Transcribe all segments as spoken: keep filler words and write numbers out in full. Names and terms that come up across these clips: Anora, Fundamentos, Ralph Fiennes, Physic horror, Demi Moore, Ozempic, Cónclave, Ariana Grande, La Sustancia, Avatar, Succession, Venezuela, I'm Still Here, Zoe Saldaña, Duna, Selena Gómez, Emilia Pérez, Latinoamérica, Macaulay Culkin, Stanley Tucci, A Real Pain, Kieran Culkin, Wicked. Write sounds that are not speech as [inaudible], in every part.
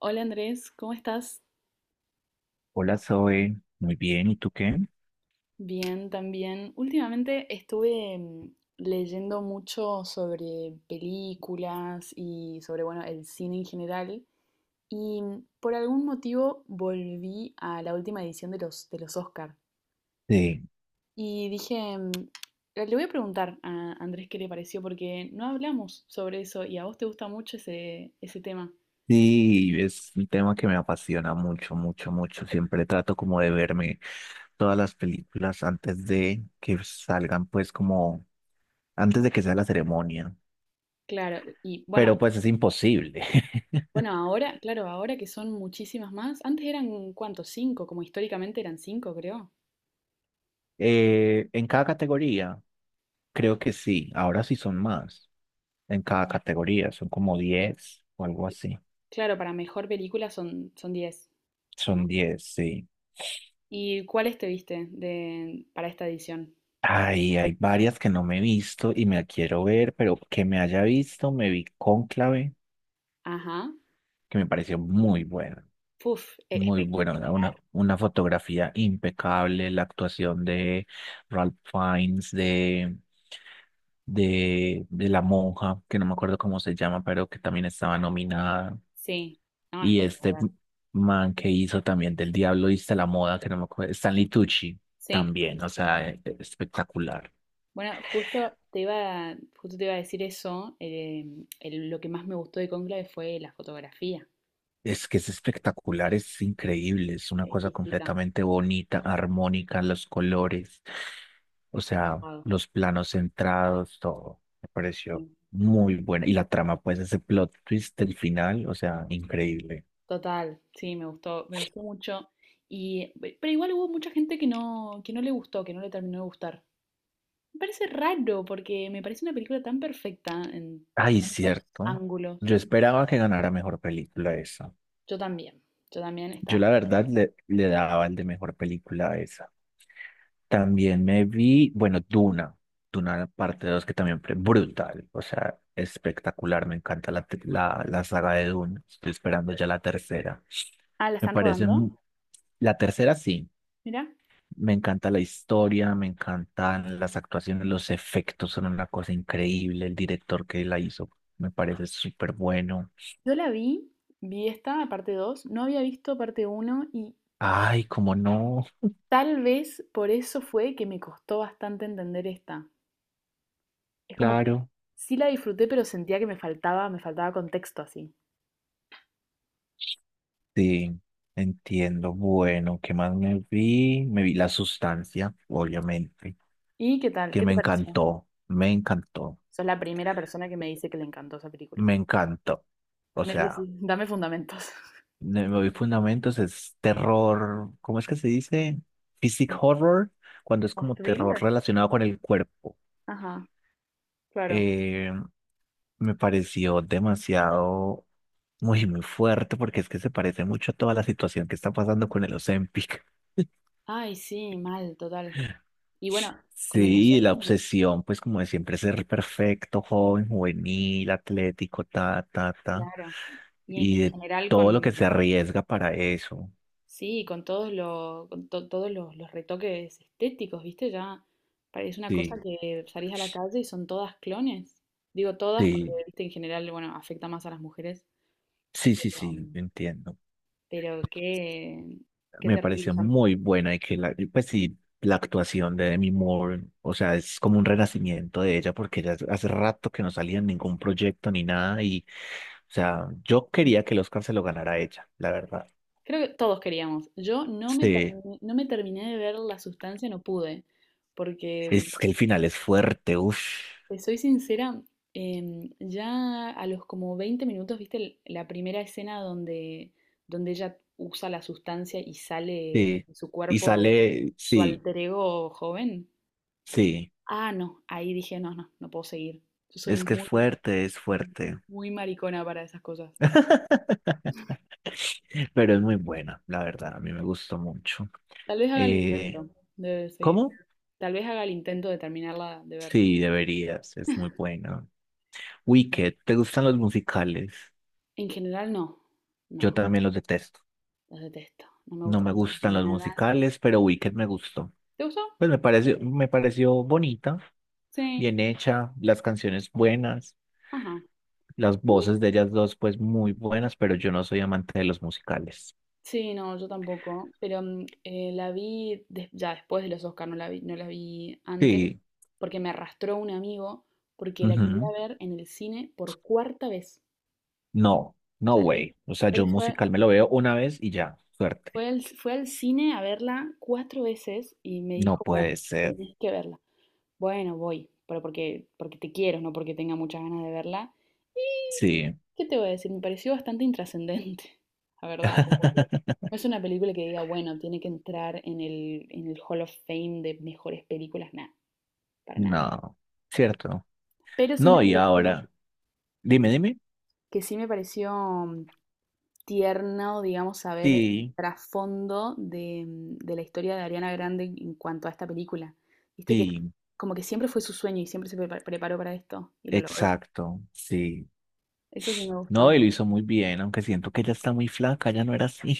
Hola Andrés, ¿cómo estás? Hola Zoe, muy bien, ¿y tú qué? Bien, también. Últimamente estuve mm, leyendo mucho sobre películas y sobre, bueno, el cine en general. Y mm, por algún motivo volví a la última edición de los, de los Oscar. Sí, Y dije, mm, le voy a preguntar a Andrés qué le pareció, porque no hablamos sobre eso y a vos te gusta mucho ese, ese tema. sí, es un tema que me apasiona mucho, mucho, mucho. Siempre trato como de verme todas las películas antes de que salgan, pues como antes de que sea la ceremonia, Claro, y bueno, pero pues es imposible. bueno, [laughs] ahora, claro, ahora que son muchísimas más. Antes eran, ¿cuántos? Cinco, como históricamente eran cinco, creo. Eh, en cada categoría, creo que sí, ahora sí son más. En cada categoría, son como diez o algo Eh, así. Claro, para mejor película son, son diez, ¿no? Son diez, sí. ¿Y cuáles te viste de, para esta edición? Ay, hay varias que no me he visto y me la quiero ver, pero que me haya visto, me vi Cónclave, Ajá. que me pareció muy buena, Puf, e- muy buena, una, espectacular. una una fotografía impecable, la actuación de Ralph Fiennes, de, de, de la monja, que no me acuerdo cómo se llama, pero que también estaba nominada, Sí, no, y este espectacular. man que hizo también del Diablo viste la moda, que no me acuerdo, Stanley Tucci, Sí. también, o sea, e- espectacular. Bueno, justo te iba, justo te iba a decir eso. eh, el- lo que más me gustó de Cónclave fue la fotografía. Es que es espectacular, es increíble, es una cosa Exquisita. completamente bonita, armónica, los colores, o sea, Zafado. los planos centrados, todo. Me pareció Sí. muy buena. Y la trama, pues ese plot twist del final, o sea, increíble. Total, sí, me gustó, me gustó mucho. Y, pe- pero igual hubo mucha gente que no, que no le gustó, que no le terminó de gustar. Me parece raro porque me parece una película tan perfecta en Ay, tantos cierto. ángulos. Yo esperaba que ganara mejor película esa. Yo también, yo también estaba Yo la verdad esperando. le, le daba el de mejor película a esa. También me vi, bueno, Duna, Duna parte dos que también fue brutal, o sea, espectacular, me encanta la, tri- la, la saga de Duna, estoy esperando ya la tercera. Ah, ¿la Me están parece, rodando? mu- la tercera sí, Mira, me encanta la historia, me encantan las actuaciones, los efectos son una cosa increíble, el director que la hizo me parece súper bueno. yo la vi, vi esta, parte dos. No había visto parte uno y Ay, cómo no, tal vez por eso fue que me costó bastante entender esta. Es como que claro. sí la disfruté, pero sentía que me faltaba, me faltaba contexto así. Sí, entiendo. Bueno, ¿qué más me vi? Me vi La Sustancia, obviamente, ¿Y qué tal? que ¿Qué me te pareció? encantó, me encantó, Sos la primera persona que me dice que le encantó esa película. me encantó. O sea, Necesito, dame fundamentos. me me vi Fundamentos, es terror, ¿cómo es que se dice? Physic horror, cuando es ¿O como terror thriller? relacionado con el cuerpo. Ajá. Claro. Eh, Me pareció demasiado, muy, muy fuerte, porque es que se parece mucho a toda la situación que está pasando con el Ozempic. Ay, sí, mal, total. Y bueno, con el Sí, docente, la obsesión, pues como de siempre ser perfecto, joven, juvenil, atlético, ta, ta, ta, claro. Y y en, en de general todo lo que con, se arriesga para eso. sí, con todos los, con to- todos los, los retoques estéticos, ¿viste? Ya parece una cosa Sí, que salís a la calle y son todas clones. Digo todas porque, sí, viste, en general, bueno, afecta más a las mujeres. sí, sí, Pero, sí, entiendo. pero qué, qué Me terrible. pareció muy buena y que la, y pues sí, la actuación de Demi Moore, o sea, es como un renacimiento de ella porque ella hace rato que no salía en ningún proyecto ni nada y, o sea, yo quería que el Oscar se lo ganara ella, la verdad. Creo que todos queríamos. Yo no me, Sí. termi- no me terminé de ver la sustancia, no pude, porque Es que el final es fuerte, uff. te soy sincera, em, ya a los como veinte minutos, viste el- la primera escena donde, donde ella usa la sustancia y sale Sí. de su Y cuerpo sale, su sí, alter ego joven. sí. Ah, no, ahí dije, no, no, no puedo seguir. Yo soy Es que es muy, fuerte, es fuerte. muy maricona para esas cosas. [laughs] Pero es muy buena, la verdad. A mí me gustó mucho. Tal vez haga el Eh, intento de seguir. ¿Cómo? Tal vez haga el intento de terminarla de ver. Sí, deberías. Es muy buena. Wicked, ¿te gustan los musicales? En general no, no, Yo también los detesto. los detesto, no me No me gustan gustan los nada. musicales, pero Wicked me gustó. ¿Te gustó? Pues me pareció, me pareció bonita, Sí, bien hecha, las canciones buenas. ajá. Las A voces de ellas dos, pues muy buenas, pero yo no soy amante de los musicales. sí, no, yo tampoco, pero mm, eh, la vi des- ya después de los Oscar, no la vi, no la vi antes, Sí, porque me arrastró un amigo, porque la quería ujú. ver en el cine por cuarta vez. No, O no sea, él, way. O sea, yo él un fue, musical me lo veo una vez y ya, suerte. fue al, fue al cine a verla cuatro veces y me No dijo, bueno, puede ser. tenés que verla. Bueno, voy, pero porque, porque te quiero, no porque tenga muchas ganas de verla. Sí. ¿Qué te voy a decir? Me pareció bastante intrascendente, [laughs] la verdad, como que [laughs] no es una película que diga, bueno, tiene que entrar en el, en el Hall of Fame de mejores películas, nada, para nada. No, cierto. Pero sí me No, y pareció, ahora, dime, dime. que sí me pareció tierno, digamos, saber el Sí, trasfondo de, mm, de la historia de Ariana Grande en cuanto a esta película. Viste que sí, como que siempre fue su sueño y siempre se prepa- preparó para esto y lo logró. exacto, sí. Eso sí me No, gustó. y lo hizo muy bien, aunque siento que ella está muy flaca, ya no era así.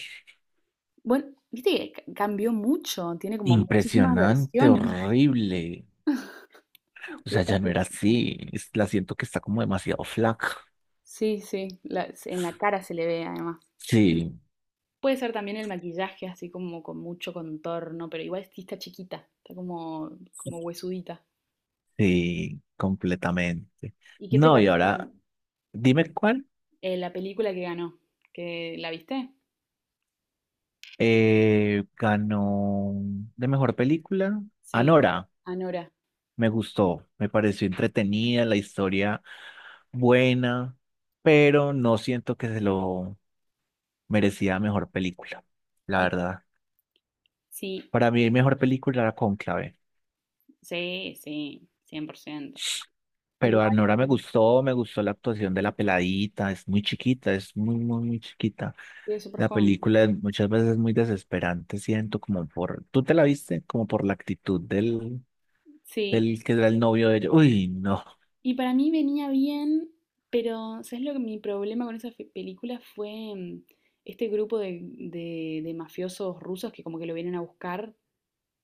Bueno, viste que ca- cambió mucho, tiene como muchísimas Impresionante, versiones. horrible. O Sí, sea, está ya no era flaquita. así. es- La siento que está como demasiado flaca. Sí, sí, la- se- en la cara se le ve además. Sí, Puede ser también el maquillaje, así como con mucho contorno, pero igual sí está chiquita, está como, como huesudita. sí, completamente. ¿Y qué te No, y parece ahora, dime cuál eh, la película que ganó? ¿Que la viste? eh, ganó de mejor película. Sí, Anora, Anora. me gustó, me pareció entretenida, la historia buena, pero no siento que se lo merecía mejor película, la Mm, verdad. sí, Para mí, mejor película era Cónclave, sí, sí, cien por ciento. pero Anora me Igual, gustó, me gustó la actuación de la peladita, es muy chiquita, es muy, muy, muy chiquita. sí, es súper La joven. película es muchas veces es muy desesperante, siento como por, ¿tú te la viste? Como por la actitud del, Sí, del que era el novio de ellos. Uy, no, y para mí venía bien, pero ¿sabes lo que mi problema con esa fe- película fue mm, este grupo de, de- de mafiosos rusos que como que lo vienen a buscar,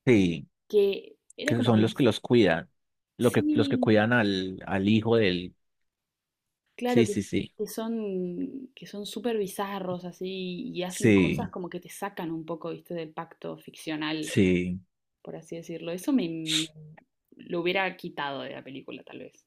sí, que era que como que son los que les- los cuidan, lo que, los que sí, cuidan al, al hijo del, claro sí, que, sí, sí, que son que son súper bizarros así y hacen cosas sí, como que te sacan un poco, ¿viste? Del pacto ficcional, sí. por así decirlo. Eso me me- lo hubiera quitado de la película, tal vez.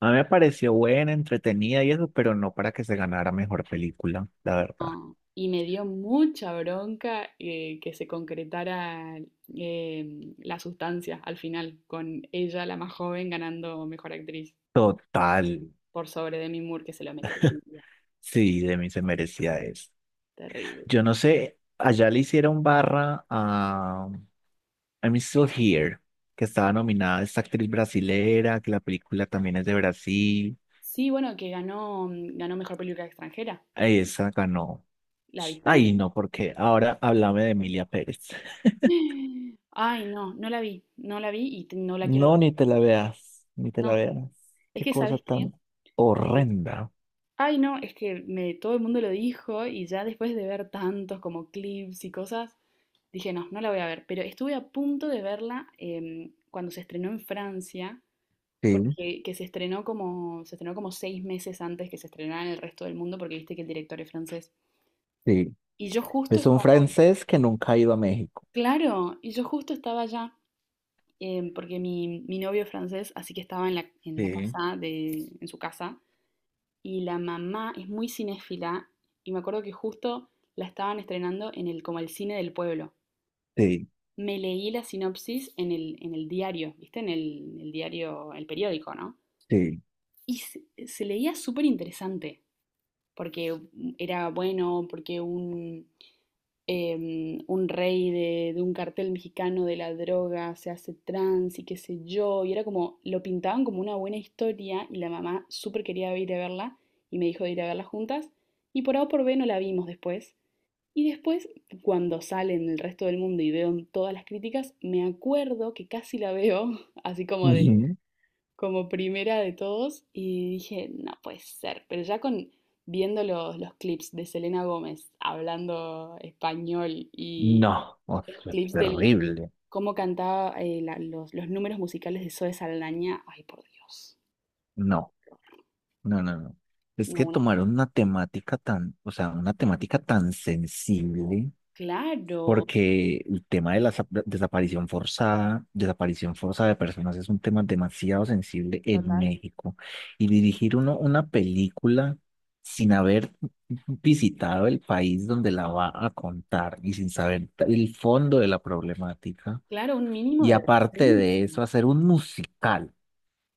A mí me pareció buena, entretenida y eso, pero no para que se ganara mejor película, la verdad. No, y me dio mucha bronca eh, que se concretara em, la sustancia al final, con ella, la más joven, ganando mejor actriz Total, por sobre Demi Moore, que se lo merecía. sí, de mí se merecía eso. Terrible. Yo no sé, allá le hicieron barra I'm Still Here, que estaba nominada esta actriz brasilera, que la película también es de Brasil. Sí, bueno, que ganó, mm, ganó mejor película extranjera. Ay, esa ganó. ¿La Ay, viste? no, porque ahora háblame de Emilia Pérez. [gasps] Ay, no, no la vi, no la vi y t- no la quiero No, ver ni te la tampoco. veas, ni te la No, veas. es Qué que, cosa ¿sabes qué? tan Eh, horrenda. ay, no, es que me, todo el mundo lo dijo y ya después de ver tantos como clips y cosas, dije, no, no la voy a ver, pero estuve a punto de verla em, cuando se estrenó en Francia, Sí, porque que se estrenó como, se estrenó como seis meses antes que se estrenara en el resto del mundo, porque viste que el director es francés. sí. Y yo justo Es un estaba, francés que nunca ha ido a México. claro, y yo justo estaba allá, em, porque mi, mi novio es francés, así que estaba en la, en la Sí, casa de, en su casa, y la mamá es muy cinéfila, y me acuerdo que justo la estaban estrenando en el, como el cine del pueblo. sí, Me leí la sinopsis en el, en el diario, ¿viste? En el, en el diario, el periódico, ¿no? sí. Y se, se leía súper interesante, porque era bueno, porque un, eh, un rey de, de un cartel mexicano de la droga se hace trans y qué sé yo, y era como, lo pintaban como una buena historia y la mamá súper quería ir a verla y me dijo de ir a verla juntas, y por A o por B no la vimos después, y después, cuando sale en el resto del mundo y veo todas las críticas, me acuerdo que casi la veo, [laughs] así como de, Ujú. como primera de todos, y dije, no puede ser. Pero ya con viendo los, los clips de Selena Gómez hablando español y No, o los sea, es clips del terrible. cómo cantaba eh, la- los, los números musicales de Zoe Saldaña, ay por Dios. No. No, no, no. Es No, que una- tomaron una temática tan, o sea, una temática tan sensible, claro, porque el tema de la sa- desaparición forzada, desaparición forzada de personas es un tema demasiado sensible en total. México. Y dirigir uno una película sin haber visitado el país donde la va a contar y sin saber el fondo de la problemática. Claro, un mínimo Y de aparte de decencia. eso, hacer un musical.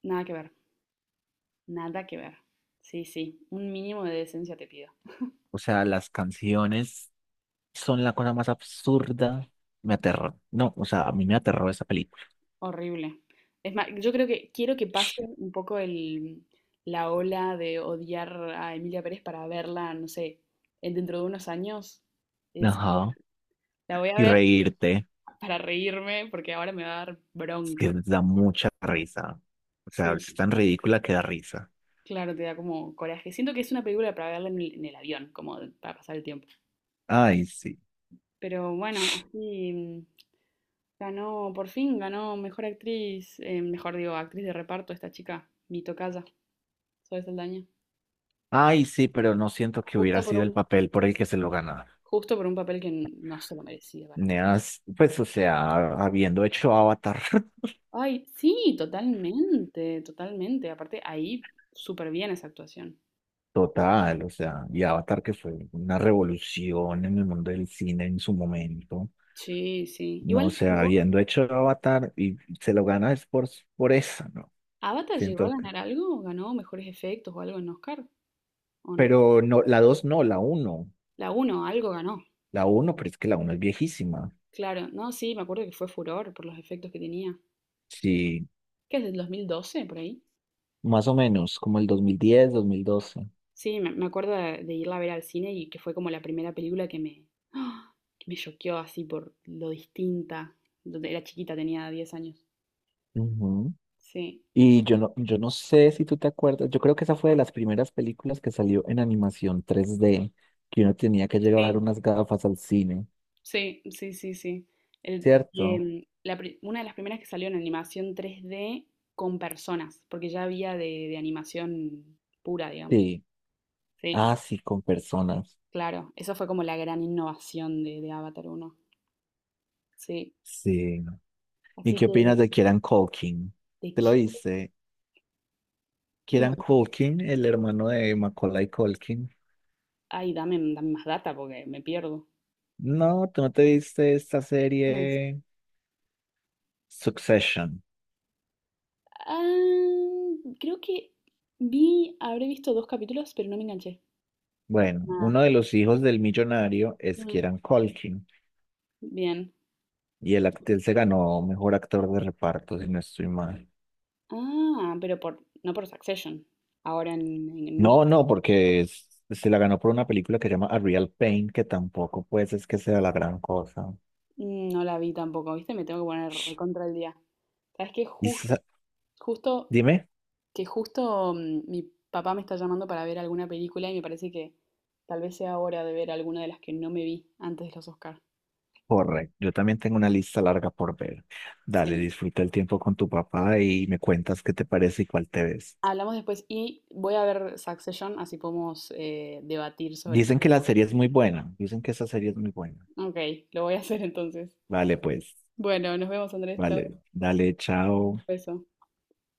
Nada que ver. Nada que ver. Sí, sí, un mínimo de decencia te pido. O sea, las canciones son la cosa más absurda. Me aterró. No, o sea, a mí me aterró esa película. Horrible. Es más, yo creo que quiero que pase un poco el, la ola de odiar a Emilia Pérez para verla, no sé, en- dentro de unos años. Y decir, Ajá. la voy a Y ver reírte, para reírme porque ahora me va a dar es bronca. que da mucha risa. O sea, Sí. es tan ridícula que da risa. Claro, te da como coraje. Siento que es una película para verla en el, en el avión, como de- para pasar el tiempo. Ay, sí. Pero bueno, así ganó, por fin ganó mejor actriz, eh, mejor digo, actriz de reparto esta chica, mi tocaya, Zoe Saldaña. Ay, sí, pero no siento que hubiera Justo por sido el un, papel por el que se lo ganara. justo por un papel que no se lo merecía para Me nada. has- Pues, o sea, habiendo hecho Avatar [laughs] Ay, sí, totalmente, totalmente. Aparte, ahí súper bien esa actuación. total, o sea, y Avatar que fue una revolución en el mundo del cine en su momento. Sí, sí. No, o Igual, sea, ¿llegó- habiendo hecho Avatar y se lo gana es por, por eso, ¿no? ¿Avatar llegó a Siento que- ganar algo? ¿Ganó mejores efectos o algo en Oscar? ¿O no? Pero no, la dos no, la uno. La uno algo ganó. La uno pero es que la uno es viejísima. Claro, no, sí, me acuerdo que fue furor por los efectos que tenía. Sí, ¿Qué es del dos mil doce por ahí? más o menos, como el dos mil diez, dos mil doce. Sí, me, me acuerdo de, de irla a ver al cine y que fue como la primera película que me, ¡ah! Que me choqueó así por lo distinta. Donde era chiquita, tenía diez años. Ujú. Sí, Y yo no, yo no sé si tú te acuerdas, yo creo que esa fue de las primeras películas que salió en animación tres d que uno tenía que llevar sí, unas gafas al cine, sí, sí, sí, sí. El- y, ¿cierto? em, la pri- una de las primeras que salió en animación tres d con personas, porque ya había de, de animación pura, digamos. Sí, Sí, ah, sí, con personas. claro. Eso fue como la gran innovación de, de Avatar uno. Sí. Sí. ¿Y Así qué que opinas de Kieran Culkin? te ¿Te lo qui- viste? no, Kieran Culkin, el hermano de Macaulay Culkin. ay, dame, dame más data porque me pierdo. No, tú no te viste esta serie Succession. Ah, creo que vi, habré visto dos capítulos, pero no me enganché. Bueno, Nada. uno de los hijos del millonario es Mm. Kieran Culkin Bien. y el Y- actor se ganó mejor actor de reparto, si no estoy mal. ah, pero por, no por Succession. Ahora en, en, en No, Oscar. no, porque es- se la ganó por una película que se llama A Real Pain, que tampoco pues es que sea la gran cosa. Mm, no la vi tampoco, ¿viste? Me tengo que poner recontra el día. ¿Sabes qué? Y sa- Jus- justo, dime, que justo mm, mi papá me está llamando para ver alguna película y me parece que tal vez sea hora de ver alguna de las que no me vi antes de los Oscar. correcto, yo también tengo una lista larga por ver. Dale, Sí. disfruta el tiempo con tu papá y me cuentas qué te parece y cuál te ves. Hablamos después y voy a ver Succession, así podemos eh, debatir sobre este Dicen que la punto. serie es muy buena, dicen que esa serie es muy buena. Ok, lo voy a hacer entonces. Vale, pues, Bueno, nos vemos, Andrés. Chao. vale. Dale, chao. Beso.